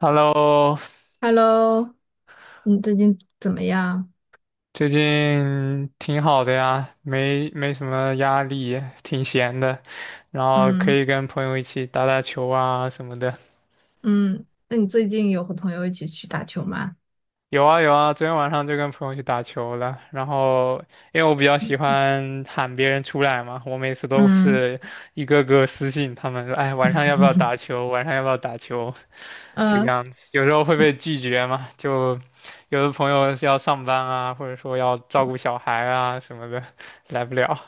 Hello，Hello,你最近怎么样？最近挺好的呀，没什么压力，挺闲的，然后可嗯以跟朋友一起打打球啊什么的。嗯，那你最近有和朋友一起去打球吗？有啊有啊，昨天晚上就跟朋友去打球了。然后因为我比较喜嗯欢喊别人出来嘛，我每次都嗯是一个个私信他们说，哎，晚上要不要打球？晚上要不要打球？这个呃，样子，有时候会被拒绝嘛，就有的朋友是要上班啊，或者说要照顾小孩啊什么的，来不了。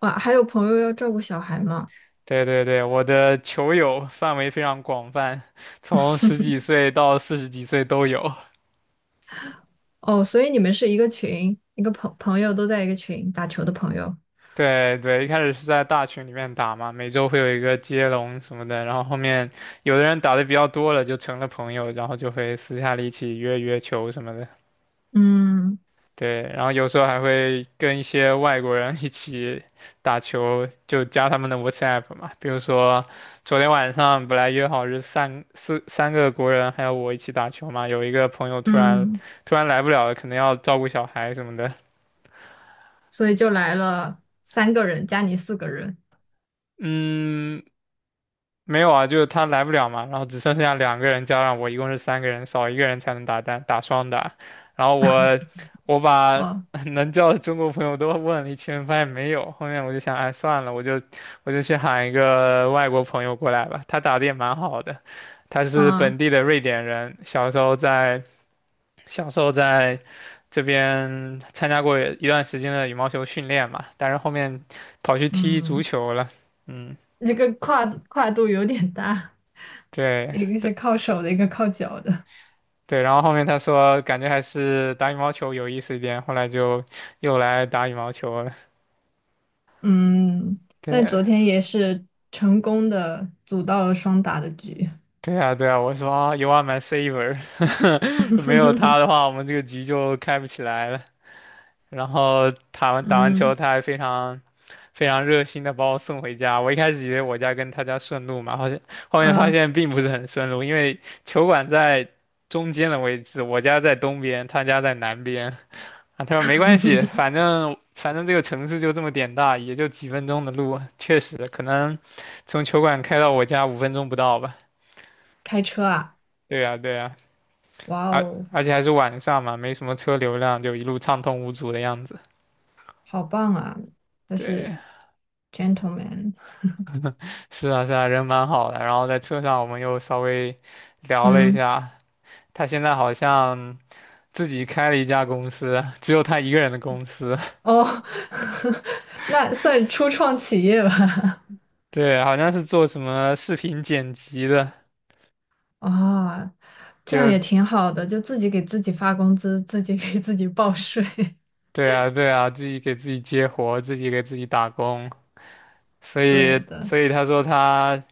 哇，还有朋友要照顾小孩吗？对对对，我的球友范围非常广泛，从十几岁到四十几岁都有。哦，所以你们是一个群，一个朋友都在一个群打球的朋友。对对，一开始是在大群里面打嘛，每周会有一个接龙什么的，然后后面有的人打的比较多了，就成了朋友，然后就会私下里一起约约球什么的。嗯对，然后有时候还会跟一些外国人一起打球，就加他们的 WhatsApp 嘛。比如说昨天晚上本来约好是三四三个国人还有我一起打球嘛，有一个朋友突然嗯，突然来不了了，可能要照顾小孩什么的。所以就来了三个人加你四个人。嗯，没有啊，就是他来不了嘛，然后只剩下2个人加上我，一共是3个人，少一个人才能打单打双打。然后我把 哦 能叫的中国朋友都问了一圈，发现没有。后面我就想，哎，算了，我就去喊一个外国朋友过来吧。他打的也蛮好的，他是本啊地的瑞典人，小时候在这边参加过一段时间的羽毛球训练嘛，但是后面跑去踢足嗯，球了。嗯，这个跨度有点大，对。一个是靠手的，一个靠脚的。对，然后后面他说感觉还是打羽毛球有意思一点，后来就又来打羽毛球了。嗯，但对，昨天也是成功的组到了双打的局。对啊，对啊，我说啊，You are my saver，没有他的 话，我们这个局就开不起来了。然后打完球，嗯，他还非常非常热心的把我送回家。我一开始以为我家跟他家顺路嘛，好像后面发呃，现并不是很顺路，因为球馆在中间的位置，我家在东边，他家在南边。啊，他说没关系，反正这个城市就这么点大，也就几分钟的路，确实可能从球馆开到我家5分钟不到吧。开车啊，对呀，对呀，哇而哦，而且还是晚上嘛，没什么车流量，就一路畅通无阻的样子。好棒啊，他是 对，gentleman。是啊是啊，人蛮好的。然后在车上我们又稍微聊了一嗯，下，他现在好像自己开了一家公司，只有他一个人的公司，哦，那算初创企业吧。对，好像是做什么视频剪辑的，啊，这样就也挺好的，就自己给自己发工资，自己给自己报税。对啊，对啊，自己给自己接活，自己给自己打工，所对以，的，所以他说他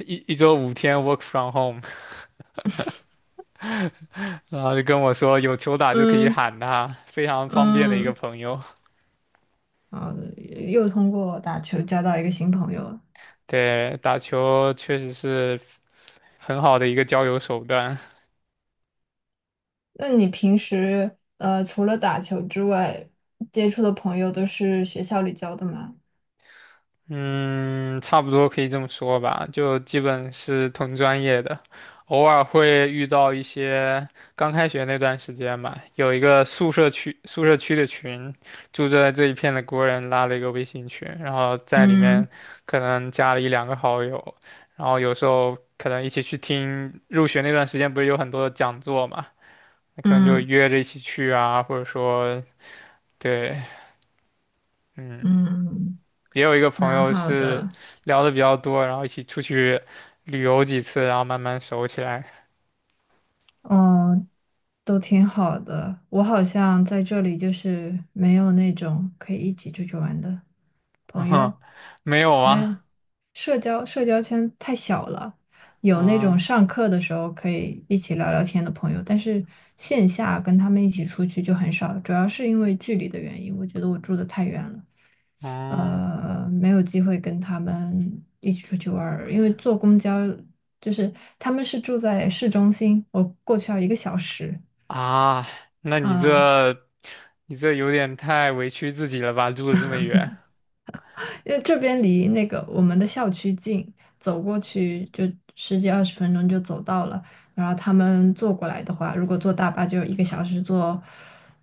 一周5天 work from home，然后就跟我说有球打就可以嗯喊他，非常方便的一个嗯，朋友。好的，又通过打球交到一个新朋友了。对，打球确实是很好的一个交友手段。那你平时除了打球之外，接触的朋友都是学校里交的吗？嗯，差不多可以这么说吧，就基本是同专业的，偶尔会遇到一些刚开学那段时间吧，有一个宿舍区的群，住在这一片的国人拉了一个微信群，然后在里嗯面可能加了一两个好友，然后有时候可能一起去听入学那段时间不是有很多的讲座嘛，那可能就嗯约着一起去啊，或者说对，嗯。嗯，也有一个朋蛮友好是的，聊的比较多，然后一起出去旅游几次，然后慢慢熟起来。哦，都挺好的。我好像在这里就是没有那种可以一起出去玩的朋友，没有因吗？为社交圈太小了，有那种嗯上课的时候可以一起聊聊天的朋友，但是线下跟他们一起出去就很少，主要是因为距离的原因，我觉得我住的太远了，嗯没有机会跟他们一起出去玩儿，因为坐公交就是他们是住在市中心，我过去要一个小时啊，那你啊，这你这有点太委屈自己了吧？住的这么远，因为这边离那个我们的校区近，走过去就十几二十分钟就走到了。然后他们坐过来的话，如果坐大巴就一个小时坐，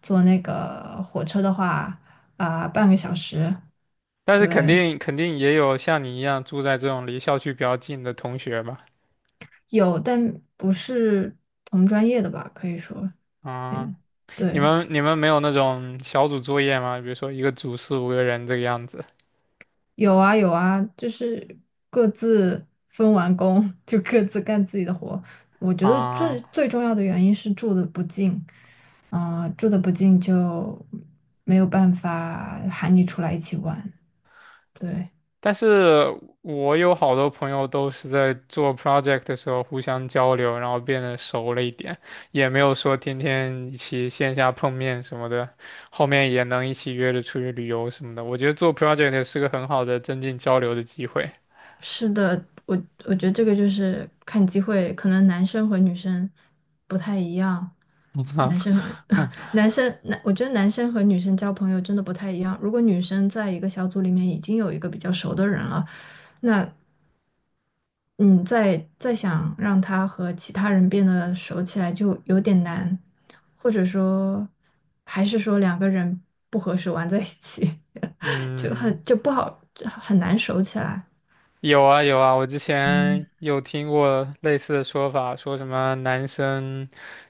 坐那个火车的话啊、半个小时。但是肯对，定肯定也有像你一样住在这种离校区比较近的同学吧？有，但不是同专业的吧？可以说，啊，嗯，你对。们你们没有那种小组作业吗？比如说一个组四五个人这个样子有啊有啊，就是各自分完工 就各自干自己的活。我觉得最啊？最重要的原因是住的不近，啊、住的不近就没有办法喊你出来一起玩。对，但是我有好多朋友都是在做 project 的时候互相交流，然后变得熟了一点，也没有说天天一起线下碰面什么的，后面也能一起约着出去旅游什么的。我觉得做 project 是个很好的增进交流的机会。是的，我觉得这个就是看机会，可能男生和女生不太一样。男生和 男生，男，我觉得男生和女生交朋友真的不太一样。如果女生在一个小组里面已经有一个比较熟的人了，那嗯，再想让他和其他人变得熟起来就有点难，或者说，还是说两个人不合适玩在一起，就嗯，很就不好，很难熟起来。有啊有啊，我之前嗯，有听过类似的说法，说什么男生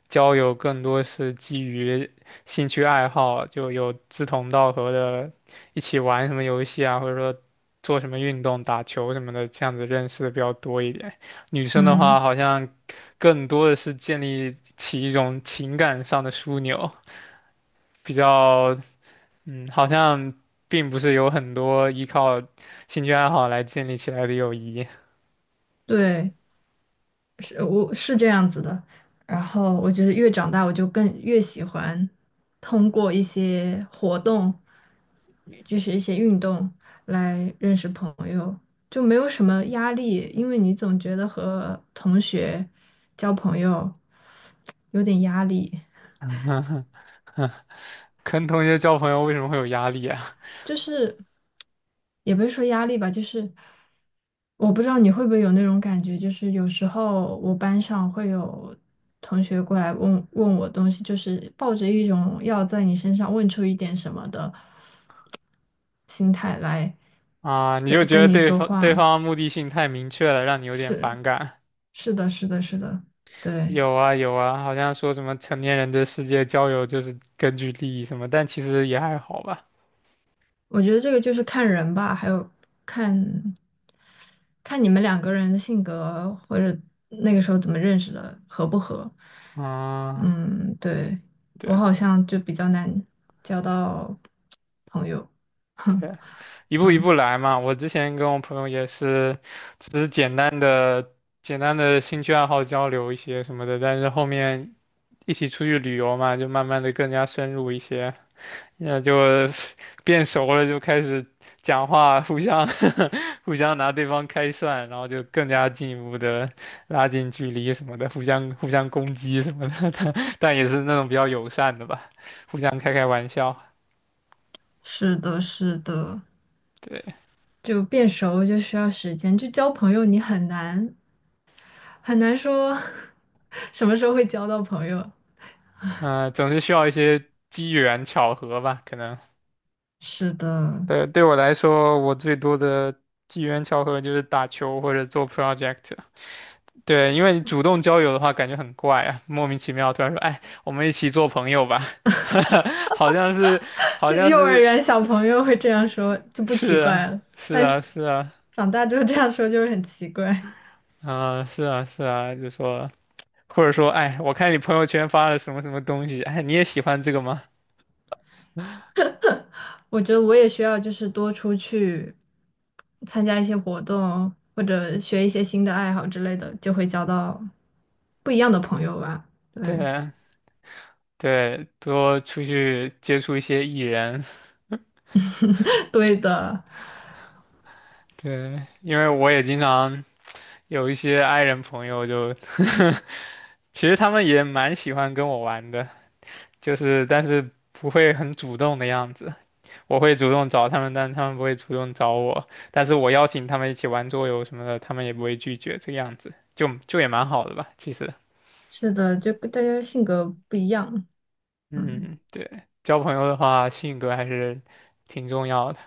交友更多是基于兴趣爱好，就有志同道合的，一起玩什么游戏啊，或者说做什么运动、打球什么的，这样子认识的比较多一点。女生的话，嗯，好像更多的是建立起一种情感上的枢纽，比较嗯，好像并不是有很多依靠兴趣爱好来建立起来的友谊。对，是我是这样子的。然后我觉得越长大，我就更越喜欢通过一些活动，就是一些运动来认识朋友，就没有什么压力，因为你总觉得和同学交朋友有点压力。跟同学交朋友为什么会有压力啊？就是也不是说压力吧，就是我不知道你会不会有那种感觉，就是有时候我班上会有同学过来问问我东西，就是抱着一种要在你身上问出一点什么的心态来啊，你就跟觉跟得你对说方对话。方目的性太明确了，让你有点是反感。是的，是的，是的，对。有啊有啊，好像说什么成年人的世界交友就是根据利益什么，但其实也还好吧。我觉得这个就是看人吧，还有看看你们两个人的性格或者那个时候怎么认识的，合不合。嗯，嗯，对，我对好像就比较难交到朋友。对，一步一嗯，步来嘛。我之前跟我朋友也是，只是简单的兴趣爱好交流一些什么的，但是后面一起出去旅游嘛，就慢慢的更加深入一些。那就变熟了，就开始讲话，互相 互相拿对方开涮，然后就更加进一步的拉近距离什么的，互相攻击什么的，但也是那种比较友善的吧，互相开开玩笑。是的，是的，对，就变熟就需要时间，就交朋友你很难很难说 什么时候会交到朋友。嗯、总是需要一些机缘巧合吧，可能。是的，对，对我来说，我最多的机缘巧合就是打球或者做 project。对，因为你主动交友的话，感觉很怪啊，莫名其妙突然说，哎，我们一起做朋友吧，好像是，好 像幼儿是，园小朋友会这样说就不是奇怪啊，了，是但啊，是啊，长大之后这样说就会很奇怪。啊、是啊，是啊，就说，或者说，哎，我看你朋友圈发了什么什么东西，哎，你也喜欢这个吗？我觉得我也需要就是多出去参加一些活动，或者学一些新的爱好之类的，就会交到不一样的朋友吧。对，对啊，对，多出去接触一些艺人，对的，对，因为我也经常有一些 i 人朋友就，其实他们也蛮喜欢跟我玩的。就是但是不会很主动的样子。我会主动找他们，但他们不会主动找我。但是我邀请他们一起玩桌游什么的，他们也不会拒绝，这个样子就也蛮好的吧，其实。是的，就跟大家性格不一样。嗯，嗯，对，交朋友的话，性格还是挺重要的。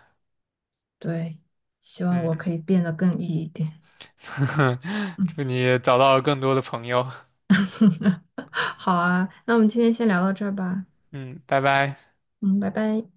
对，希望我嗯，可以变得更 E 一点。嗯，祝你找到更多的朋友。好啊，那我们今天先聊到这儿吧。嗯，拜拜。嗯，拜拜。